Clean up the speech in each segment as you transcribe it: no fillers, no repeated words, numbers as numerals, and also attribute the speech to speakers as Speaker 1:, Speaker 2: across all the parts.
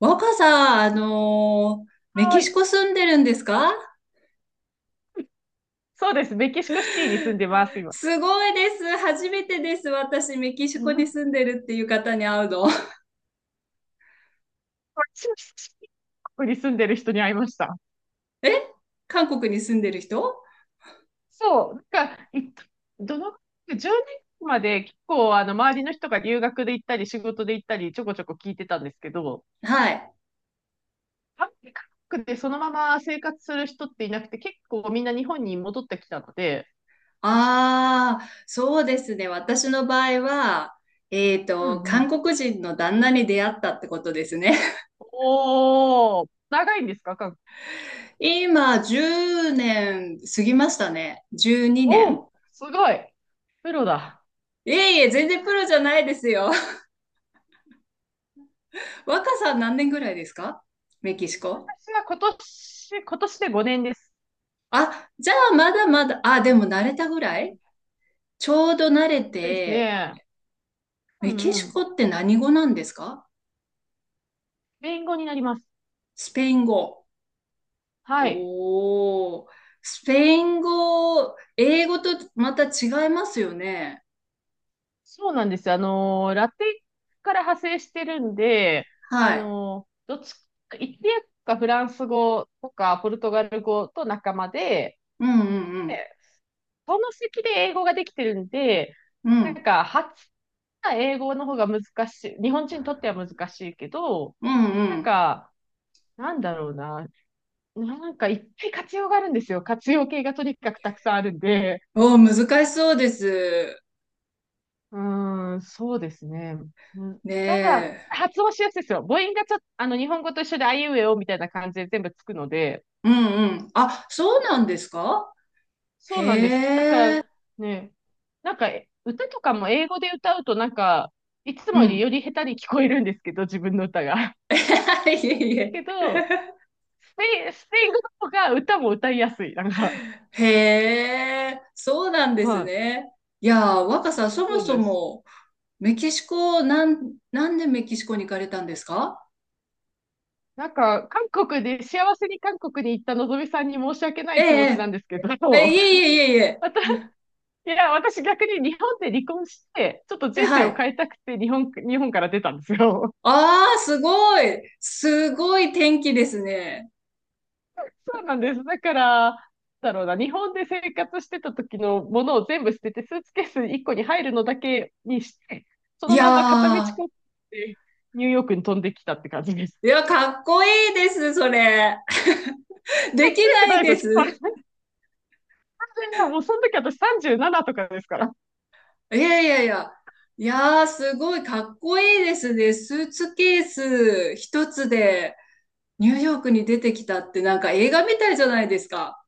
Speaker 1: 若さ、メキ
Speaker 2: は
Speaker 1: シ
Speaker 2: い。
Speaker 1: コ住んでるんですか？
Speaker 2: そうです。メキシコシティに住んでます、今。
Speaker 1: すごいです。初めてです。私、メキシ
Speaker 2: う
Speaker 1: コに
Speaker 2: ん。
Speaker 1: 住んでるっていう方に会うの。
Speaker 2: こに住んでる人に会いました。
Speaker 1: え、韓国に住んでる人。
Speaker 2: そう。いどの、10年まで結構、周りの人が留学で行ったり、仕事で行ったり、ちょこちょこ聞いてたんですけど、
Speaker 1: はい。
Speaker 2: 韓国でそのまま生活する人っていなくて、結構みんな日本に戻ってきたので、
Speaker 1: ああ、そうですね。私の場合は、
Speaker 2: うんう
Speaker 1: 韓
Speaker 2: ん。
Speaker 1: 国人の旦那に出会ったってことですね。
Speaker 2: おー、長いんですか、韓国。
Speaker 1: 今、10年過ぎましたね。12年。
Speaker 2: おー、すごい。プロだ。
Speaker 1: いえいえ、全然プロじゃないですよ。若さ何年ぐらいですか？メキシコ。
Speaker 2: 私は今年で5年です。
Speaker 1: あ、じゃあまだまだ、あ、でも慣れたぐらい、ちょうど慣れ
Speaker 2: です
Speaker 1: て、
Speaker 2: ね。う
Speaker 1: メキ
Speaker 2: んう
Speaker 1: シコ
Speaker 2: ん。
Speaker 1: って何語なんですか？
Speaker 2: 弁護になります。
Speaker 1: スペイン語。
Speaker 2: はい。
Speaker 1: おー、スペイン語、英語とまた違いますよね。
Speaker 2: そうなんです。ラテから派生してるんで、
Speaker 1: はい。
Speaker 2: どっちイタリアかフランス語とかポルトガル語と仲間で、
Speaker 1: うんうん
Speaker 2: で、その席で英語ができてるんで、
Speaker 1: うん。うん。
Speaker 2: 初な英語の方が難しい。日本人にとっては難しいけど、
Speaker 1: うんう
Speaker 2: なん
Speaker 1: ん。
Speaker 2: か、なんだろうな。いっぱい活用があるんですよ。活用形がとにかくたくさんあるんで。
Speaker 1: おー、難しそうです。
Speaker 2: うーん、そうですね。うん。
Speaker 1: ね
Speaker 2: ただ、
Speaker 1: え。
Speaker 2: 発音しやすいですよ。母音がちょっと、日本語と一緒で、あいうえおみたいな感じで全部つくので、
Speaker 1: うんうん。あ、そうなんですか？
Speaker 2: そうなんです。だか
Speaker 1: へえ。
Speaker 2: らね、歌とかも英語で歌うと、いつ
Speaker 1: う
Speaker 2: もよりよ
Speaker 1: ん。
Speaker 2: り下手に聞こえるんですけど、自分の歌が。
Speaker 1: いえいえ。
Speaker 2: けど、スペイン語とか歌も歌いやすい。なんか、
Speaker 1: へえ、そうなんです
Speaker 2: はい。
Speaker 1: ね。いやー、若
Speaker 2: そう
Speaker 1: さん、
Speaker 2: です、
Speaker 1: そも
Speaker 2: そう
Speaker 1: そ
Speaker 2: です。
Speaker 1: も、メキシコ、なんでメキシコに行かれたんですか？
Speaker 2: なんか、韓国で、幸せに韓国に行ったのぞみさんに申し訳な
Speaker 1: え
Speaker 2: い気持ちな
Speaker 1: え、
Speaker 2: んですけど、
Speaker 1: ええ、いえいえいえいえ。
Speaker 2: 私、いや、私逆に日本で離婚して、ちょっと
Speaker 1: え、
Speaker 2: 人生
Speaker 1: は
Speaker 2: を
Speaker 1: い。
Speaker 2: 変えたくて日本から出たんですよ。
Speaker 1: ああ、すごい。すごい天気ですね。
Speaker 2: そうなんです。だから、なんだろうな、日本で生活してた時のものを全部捨てて、スーツケース1個に入るのだけにして、そ
Speaker 1: い
Speaker 2: のまんま片道
Speaker 1: や
Speaker 2: こってニューヨークに飛んできたって感じです。
Speaker 1: ー、いや、かっこいいです、それ。
Speaker 2: か
Speaker 1: で
Speaker 2: っ
Speaker 1: き
Speaker 2: こよ
Speaker 1: な
Speaker 2: くな
Speaker 1: い
Speaker 2: いで
Speaker 1: で
Speaker 2: すよ、
Speaker 1: す。
Speaker 2: 失敗。もうその時私37とかですから。
Speaker 1: いやいやいや。いやー、すごいかっこいいですね。スーツケース一つで。ニューヨークに出てきたってなんか映画みたいじゃないですか。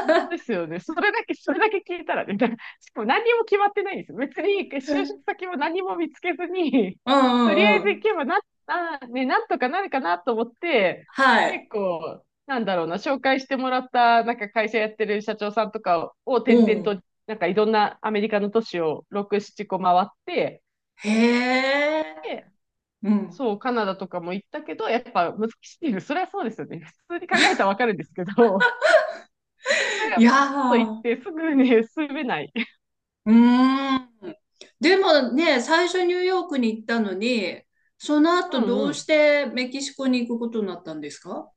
Speaker 2: 本当ですよね。それだけ聞いたらね、だ、しかも何にも決まってないんですよ。別に就
Speaker 1: う
Speaker 2: 職
Speaker 1: ん
Speaker 2: 先も何も見つけずに、
Speaker 1: う
Speaker 2: とりあえ
Speaker 1: んう
Speaker 2: ず行
Speaker 1: ん。
Speaker 2: けばな、な、ね、なんとかなるかなと思って、
Speaker 1: はい。
Speaker 2: 結構、なんだろうな、紹介してもらった、なんか会社やってる社長さんとかを転
Speaker 1: う
Speaker 2: 々
Speaker 1: ん。
Speaker 2: と、なんかいろんなアメリカの都市を6、7個回って、
Speaker 1: へえ。
Speaker 2: で、
Speaker 1: うん。
Speaker 2: そう、カナダとかも行ったけど、やっぱ難しいです。それはそうですよね。普通に考えたらわかるんですけど、そん
Speaker 1: い
Speaker 2: なこ
Speaker 1: や
Speaker 2: と言っ
Speaker 1: ー。
Speaker 2: てすぐね、住めない。
Speaker 1: うーん。でもね、最初ニューヨークに行ったのに、その
Speaker 2: う
Speaker 1: 後
Speaker 2: ん
Speaker 1: ど
Speaker 2: う
Speaker 1: うし
Speaker 2: ん。
Speaker 1: てメキシコに行くことになったんですか？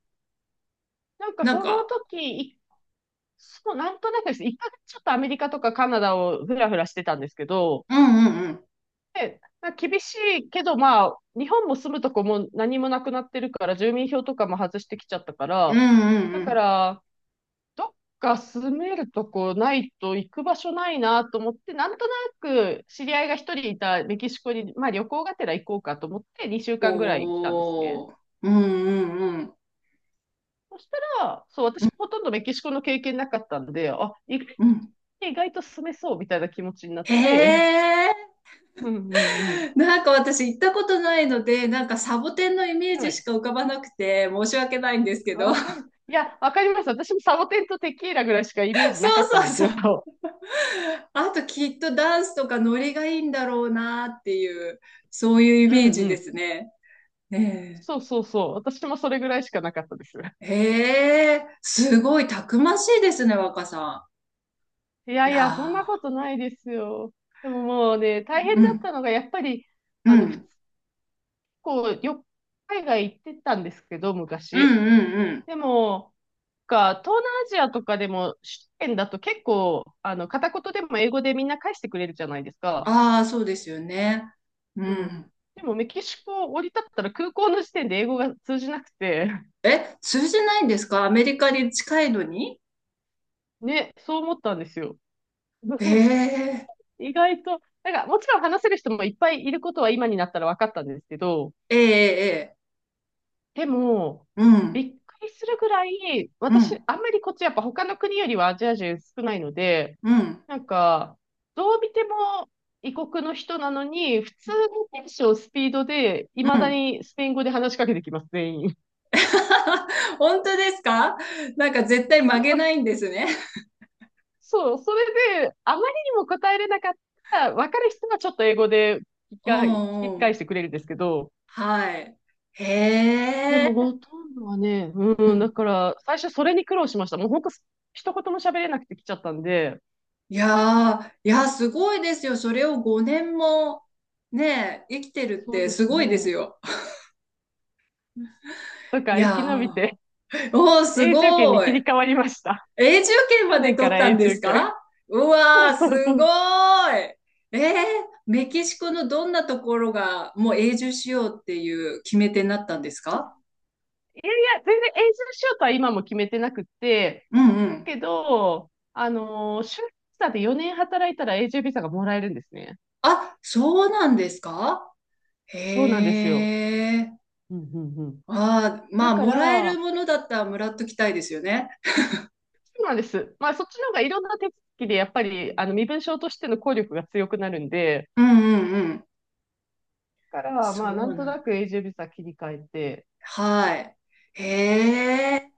Speaker 1: なん
Speaker 2: その
Speaker 1: か、
Speaker 2: 時、い、そう、なんとなくです。一回ちょっとアメリカとかカナダをふらふらしてたんですけど、
Speaker 1: うんうんうん。
Speaker 2: で、まあ、厳しいけど、まあ、日本も住むとこも何もなくなってるから、住民票とかも外してきちゃったか
Speaker 1: うん
Speaker 2: ら、
Speaker 1: うん
Speaker 2: だ
Speaker 1: う
Speaker 2: か
Speaker 1: ん。
Speaker 2: ら、どっか住めるとこないと行く場所ないなと思って、なんとなく知り合いが一人いたメキシコに、まあ旅行がてら行こうかと思って2週間ぐらい来たんですね。
Speaker 1: おー。うんうんうん。
Speaker 2: そしたら、そう、私ほとんどメキシコの経験なかったんで、あ、意、
Speaker 1: うん。
Speaker 2: 意外と住めそうみたいな気持ちになっ
Speaker 1: へ
Speaker 2: て、
Speaker 1: え。
Speaker 2: うんうんうん。
Speaker 1: なんか私行ったことないので、なんかサボテンのイメー
Speaker 2: は
Speaker 1: ジし
Speaker 2: い。
Speaker 1: か浮かばなくて申し訳ないんですけど。
Speaker 2: わ
Speaker 1: そう
Speaker 2: かる。いや、わかります。私もサボテンとテキーラぐらいしかイメージなかった
Speaker 1: そ
Speaker 2: ん
Speaker 1: う
Speaker 2: です
Speaker 1: そ
Speaker 2: よ。
Speaker 1: う。あときっとダンスとかノリがいいんだろうなっていう、そういう イ
Speaker 2: うん
Speaker 1: メージ
Speaker 2: う
Speaker 1: で
Speaker 2: ん。
Speaker 1: すね。ね
Speaker 2: そうそうそう。私もそれぐらいしかなかったです。
Speaker 1: え。へえ、すごいたくましいですね、若さ
Speaker 2: い
Speaker 1: ん。
Speaker 2: や
Speaker 1: い
Speaker 2: いや、そんなこ
Speaker 1: や
Speaker 2: とないですよ。でももうね、大
Speaker 1: ー、
Speaker 2: 変
Speaker 1: う
Speaker 2: だっ
Speaker 1: ん、
Speaker 2: たのが、やっぱり、
Speaker 1: う
Speaker 2: ふつ
Speaker 1: ん、
Speaker 2: こう、よ、海外行ってたんですけど、
Speaker 1: うん、
Speaker 2: 昔。
Speaker 1: うん、うん。
Speaker 2: でも、か、東南アジアとかでも、首都圏だと結構、片言でも英語でみんな返してくれるじゃないですか。
Speaker 1: ああ、そうですよね。う
Speaker 2: うん。
Speaker 1: ん。
Speaker 2: でもメキシコを降り立ったら空港の時点で英語が通じなくて、
Speaker 1: え、通じないんですか？アメリカに近いのに。
Speaker 2: ね、そう思ったんですよ。
Speaker 1: え え、
Speaker 2: 意外と、なんかもちろん話せる人もいっぱいいることは今になったら分かったんですけど、
Speaker 1: ええ、ええ。
Speaker 2: でも、
Speaker 1: うん、
Speaker 2: びっくりするぐらい、
Speaker 1: う
Speaker 2: 私、
Speaker 1: ん、
Speaker 2: あんまりこっちやっぱ他の国よりはアジア人少ないので、
Speaker 1: うん、
Speaker 2: なんか、どう見ても異国の人なのに、普通のテンション、スピードで、い
Speaker 1: う
Speaker 2: まだ
Speaker 1: ん。
Speaker 2: にスペイン語で話しかけてきます、全員。
Speaker 1: 本当ですか？なんか絶対曲
Speaker 2: そ
Speaker 1: げ
Speaker 2: う
Speaker 1: ないんですね。
Speaker 2: そう、それで、あまりにも答えれなかったら、わかる人はちょっと英語で聞き
Speaker 1: う
Speaker 2: か引
Speaker 1: ん
Speaker 2: き
Speaker 1: う
Speaker 2: 返し
Speaker 1: ん。
Speaker 2: てくれるんですけど、
Speaker 1: はい。へ
Speaker 2: でも
Speaker 1: え。
Speaker 2: ほとんどはね、
Speaker 1: う
Speaker 2: うん、だ
Speaker 1: ん。
Speaker 2: から、最初それに苦労しました。もう本当、一言も喋れなくて来ちゃったんで、
Speaker 1: いやー、いやー、すごいですよ。それを5年もね、生きてるっ
Speaker 2: そう
Speaker 1: て
Speaker 2: で
Speaker 1: す
Speaker 2: す
Speaker 1: ごいです
Speaker 2: ね。
Speaker 1: よ。
Speaker 2: だか
Speaker 1: い
Speaker 2: ら生き延び
Speaker 1: や
Speaker 2: て、
Speaker 1: ー、おー、す
Speaker 2: 永住権に
Speaker 1: ご
Speaker 2: 切り
Speaker 1: い。
Speaker 2: 替わりました。
Speaker 1: 永住権
Speaker 2: 去
Speaker 1: まで
Speaker 2: 年か
Speaker 1: 取っ
Speaker 2: ら
Speaker 1: たん
Speaker 2: 永
Speaker 1: で
Speaker 2: 住
Speaker 1: す
Speaker 2: 権。
Speaker 1: か？う
Speaker 2: そう
Speaker 1: わー、
Speaker 2: そ
Speaker 1: す
Speaker 2: うそ
Speaker 1: ご
Speaker 2: う。
Speaker 1: ーい。えー、メキシコのどんなところがもう永住しようっていう決め手になったんですか？
Speaker 2: いやいや、全然永住しようとは今も決めてなくて、
Speaker 1: うんうん。
Speaker 2: けど、就労ビザで4年働いたら永住ビザがもらえるんですね。
Speaker 1: あ、そうなんですか？
Speaker 2: そうなんです
Speaker 1: へ
Speaker 2: よ。
Speaker 1: え。
Speaker 2: うんうんうん。
Speaker 1: ああ、ま
Speaker 2: だ
Speaker 1: あ、
Speaker 2: か
Speaker 1: もらえる
Speaker 2: ら、
Speaker 1: ものだったらもらっときたいですよね。
Speaker 2: そうなんです。まあ、そっちの方がいろんな手続きで、やっぱり、身分証としての効力が強くなるんで、
Speaker 1: うんうんうん。
Speaker 2: だから、まあ、
Speaker 1: そ
Speaker 2: な
Speaker 1: う
Speaker 2: んと
Speaker 1: な
Speaker 2: な
Speaker 1: んだ。
Speaker 2: く永住ビザ切り替えて、
Speaker 1: はい。へえ。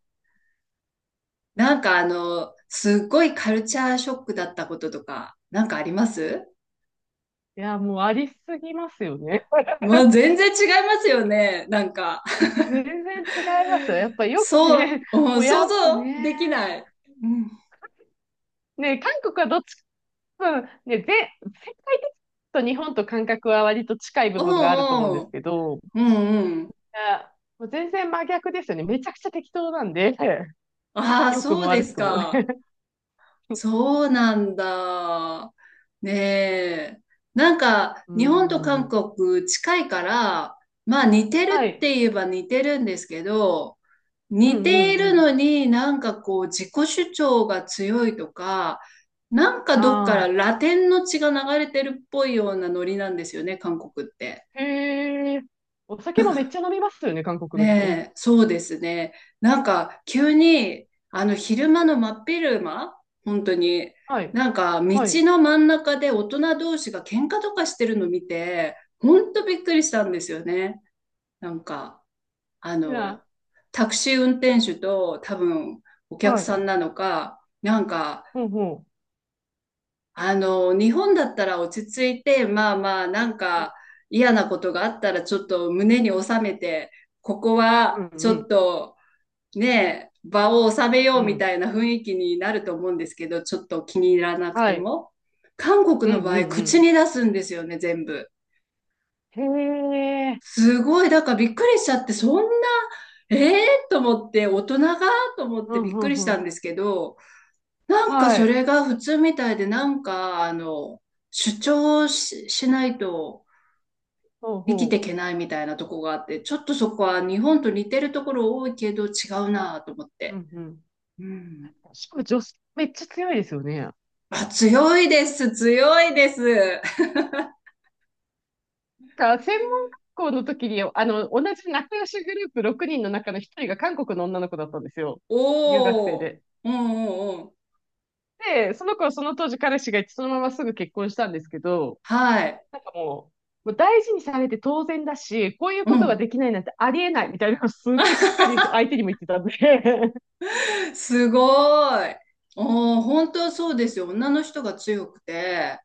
Speaker 1: すっごいカルチャーショックだったこととか、なんかあります？
Speaker 2: いや、もうありすぎますよね。
Speaker 1: まあ、全然違いますよね。なんか、
Speaker 2: 全然違いますよ。やっぱよく
Speaker 1: そう、
Speaker 2: ね、
Speaker 1: う
Speaker 2: も
Speaker 1: ん、
Speaker 2: うや
Speaker 1: 想
Speaker 2: っぱ
Speaker 1: 像でき
Speaker 2: ね、
Speaker 1: ない。うん。
Speaker 2: ね、韓国はどっちか、ね、ぜ、世界的と日本と感覚は割と近い部
Speaker 1: う
Speaker 2: 分があると思うん
Speaker 1: ん
Speaker 2: で
Speaker 1: う
Speaker 2: す
Speaker 1: ん。
Speaker 2: けど、い
Speaker 1: うんうん。
Speaker 2: や、もう全然真逆ですよね。めちゃくちゃ適当なんで。
Speaker 1: ああ、
Speaker 2: 良く
Speaker 1: そ
Speaker 2: も
Speaker 1: うで
Speaker 2: 悪
Speaker 1: す
Speaker 2: くもね。
Speaker 1: か。そうなんだ。ねえ。なんか、
Speaker 2: う
Speaker 1: 日本と韓
Speaker 2: ん。
Speaker 1: 国近いから、まあ似てる
Speaker 2: は
Speaker 1: っ
Speaker 2: い。
Speaker 1: て言えば似てるんですけど、
Speaker 2: う
Speaker 1: 似
Speaker 2: ん
Speaker 1: てい
Speaker 2: う
Speaker 1: る
Speaker 2: ん
Speaker 1: のになんかこう自己主張が強いとか、なんか
Speaker 2: うん。
Speaker 1: どっから
Speaker 2: あ
Speaker 1: ラテンの血が流れてるっぽいようなノリなんですよね、韓国って。
Speaker 2: あ。へえ。お酒もめっちゃ飲みますよね、韓国の人。うん。
Speaker 1: ねえ、そうですね。なんか、急に、昼間の真っ昼間、本当に、
Speaker 2: はい。
Speaker 1: なんか、道
Speaker 2: はい。
Speaker 1: の真ん中で大人同士が喧嘩とかしてるの見て、本当びっくりしたんですよね。なんか、あ
Speaker 2: じ
Speaker 1: の、
Speaker 2: ゃ
Speaker 1: タクシー運転手と多分お
Speaker 2: あ、
Speaker 1: 客
Speaker 2: は
Speaker 1: さん
Speaker 2: い。
Speaker 1: なのか、なんか、
Speaker 2: ほうほ
Speaker 1: 日本だったら落ち着いて、まあまあ、なん
Speaker 2: う。
Speaker 1: か、嫌なことがあったらちょっと胸に収めて、ここ
Speaker 2: うん
Speaker 1: はち
Speaker 2: う
Speaker 1: ょっ
Speaker 2: ん
Speaker 1: と、ねえ、場を収めよ
Speaker 2: う
Speaker 1: うみ
Speaker 2: ん。
Speaker 1: たいな雰囲気になると思うんですけど、ちょっと気に入らなく
Speaker 2: は
Speaker 1: て
Speaker 2: い。
Speaker 1: も。韓国
Speaker 2: う
Speaker 1: の
Speaker 2: ん
Speaker 1: 場
Speaker 2: う
Speaker 1: 合、口
Speaker 2: ん
Speaker 1: に出すんですよね、全部。
Speaker 2: うん。へえ。
Speaker 1: すごい、だからびっくりしちゃって、そんな、ええと思って、大人がと思っ
Speaker 2: う
Speaker 1: て
Speaker 2: ん
Speaker 1: びっ
Speaker 2: う
Speaker 1: く
Speaker 2: ん
Speaker 1: りし
Speaker 2: う
Speaker 1: た
Speaker 2: ん。
Speaker 1: んですけど、なんか
Speaker 2: は
Speaker 1: そ
Speaker 2: い。
Speaker 1: れが普通みたいで、なんか、主張し、しないと
Speaker 2: ほう
Speaker 1: 生きてい
Speaker 2: ほ
Speaker 1: けないみたいなとこがあって、ちょっとそこは日本と似てるところ多いけど違うなぁと思っ
Speaker 2: う。う
Speaker 1: て。
Speaker 2: んうん。
Speaker 1: うん。
Speaker 2: しかも女性めっちゃ強いですよね。
Speaker 1: あ、強いです、強いです。
Speaker 2: 専門学校の時に、同じ仲良しグループ6人の中の一人が韓国の女の子だったんですよ。留学生
Speaker 1: おお、
Speaker 2: で。
Speaker 1: うんうんうん。
Speaker 2: で、その子はその当時彼氏がいて、そのまますぐ結婚したんですけど、
Speaker 1: はい。
Speaker 2: なんかもう大事にされて当然だし、こういう
Speaker 1: う
Speaker 2: ことが
Speaker 1: ん。
Speaker 2: できないなんてありえないみたいなのをすごいしっかり相手にも言ってたんで。
Speaker 1: すごい。おお、本当そうですよ。女の人が強くて。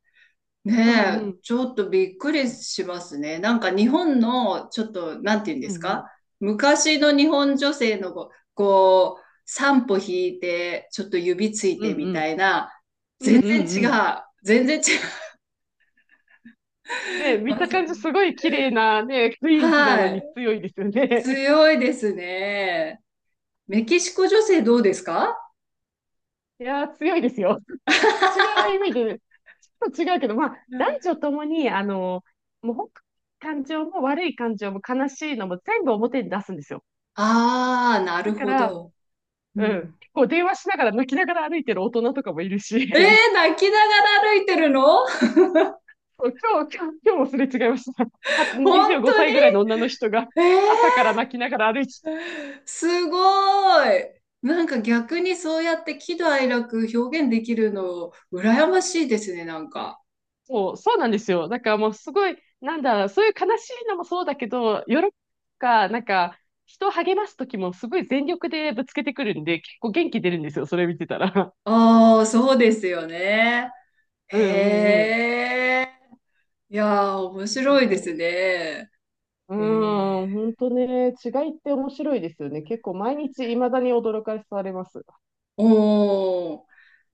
Speaker 2: うん
Speaker 1: ね
Speaker 2: う
Speaker 1: え、
Speaker 2: ん。
Speaker 1: ちょっとびっくりしますね。なんか日本の、ちょっと、なんて言うんで
Speaker 2: うん
Speaker 1: す
Speaker 2: うん。
Speaker 1: か？昔の日本女性のこう、こう、三歩引いて、ちょっと指つい
Speaker 2: う
Speaker 1: て
Speaker 2: ん
Speaker 1: み
Speaker 2: う
Speaker 1: た
Speaker 2: ん。
Speaker 1: いな、
Speaker 2: うんう
Speaker 1: 全然
Speaker 2: んう
Speaker 1: 違
Speaker 2: ん。
Speaker 1: う。全然違い
Speaker 2: ね、見
Speaker 1: ま
Speaker 2: た感
Speaker 1: す。
Speaker 2: じすごい綺麗なね、雰囲気な
Speaker 1: は
Speaker 2: の
Speaker 1: い。
Speaker 2: に強いですよね。
Speaker 1: 強いですね。メキシコ女性どうですか？
Speaker 2: いやー、強いですよ。違う意味でと違うけど、まあ、男女ともに、もう本当に感情も悪い感情も悲しいのも全部表に出すんですよ。
Speaker 1: ああー、なる
Speaker 2: だか
Speaker 1: ほ
Speaker 2: ら、
Speaker 1: ど。う
Speaker 2: うん、
Speaker 1: ん。
Speaker 2: 結構電話しながら泣きながら歩いてる大人とかもいるし、
Speaker 1: えー、泣きながら歩いてるの、
Speaker 2: そう、今日もすれ違いました。は
Speaker 1: 本
Speaker 2: 25
Speaker 1: 当に、
Speaker 2: 歳ぐらいの女の人が朝
Speaker 1: え
Speaker 2: から泣きながら歩いて、
Speaker 1: ー、すごい。なんか逆にそうやって喜怒哀楽表現できるの羨ましいですね、なんか。
Speaker 2: そう、そうなんですよ。だからもうすごい、なんだろう、そういう悲しいのもそうだけど、喜びとか、人を励ます時もすごい全力でぶつけてくるんで、結構元気出るんですよ、それ見てたら。
Speaker 1: ああ、そうですよね。へ
Speaker 2: うんうんうん。
Speaker 1: え。いやー、面白いで
Speaker 2: そ
Speaker 1: すね。
Speaker 2: う、う
Speaker 1: ね、
Speaker 2: ん、本当ね、違いって面白いですよね。結構毎日未だに驚かされます。
Speaker 1: お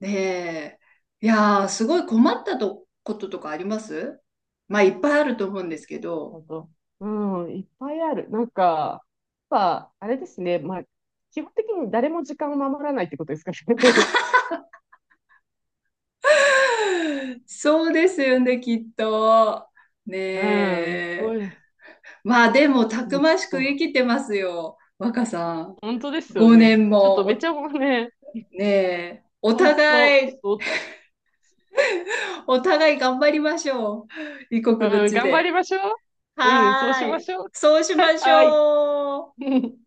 Speaker 1: ー、ねえ。いやー、すごい困ったとこととかあります？まあ、いっぱいあると思うんですけど。
Speaker 2: 本当。うん、いっぱいある。やっぱ、あれですね。まあ、基本的に誰も時間を守らないってことですかね。
Speaker 1: そうですよね、きっと。ね
Speaker 2: うん、すご
Speaker 1: え。
Speaker 2: い。
Speaker 1: まあ、でも、た
Speaker 2: も
Speaker 1: く
Speaker 2: うち
Speaker 1: まし
Speaker 2: ょ
Speaker 1: く
Speaker 2: っ
Speaker 1: 生
Speaker 2: と、
Speaker 1: きてますよ、若さん。
Speaker 2: 本当ですよ
Speaker 1: 5
Speaker 2: ね。
Speaker 1: 年
Speaker 2: ちょっと
Speaker 1: も、
Speaker 2: め
Speaker 1: お、
Speaker 2: ちゃもうね、
Speaker 1: ねえ。お
Speaker 2: 本当、
Speaker 1: 互い、
Speaker 2: ちょっ
Speaker 1: お互い頑張りましょう。異国
Speaker 2: と、
Speaker 1: の
Speaker 2: うん、
Speaker 1: 地
Speaker 2: 頑張り
Speaker 1: で。
Speaker 2: ましょう。うん、そう
Speaker 1: は
Speaker 2: し
Speaker 1: ー
Speaker 2: ま
Speaker 1: い。
Speaker 2: しょう。
Speaker 1: そうしま し
Speaker 2: はい。
Speaker 1: ょう。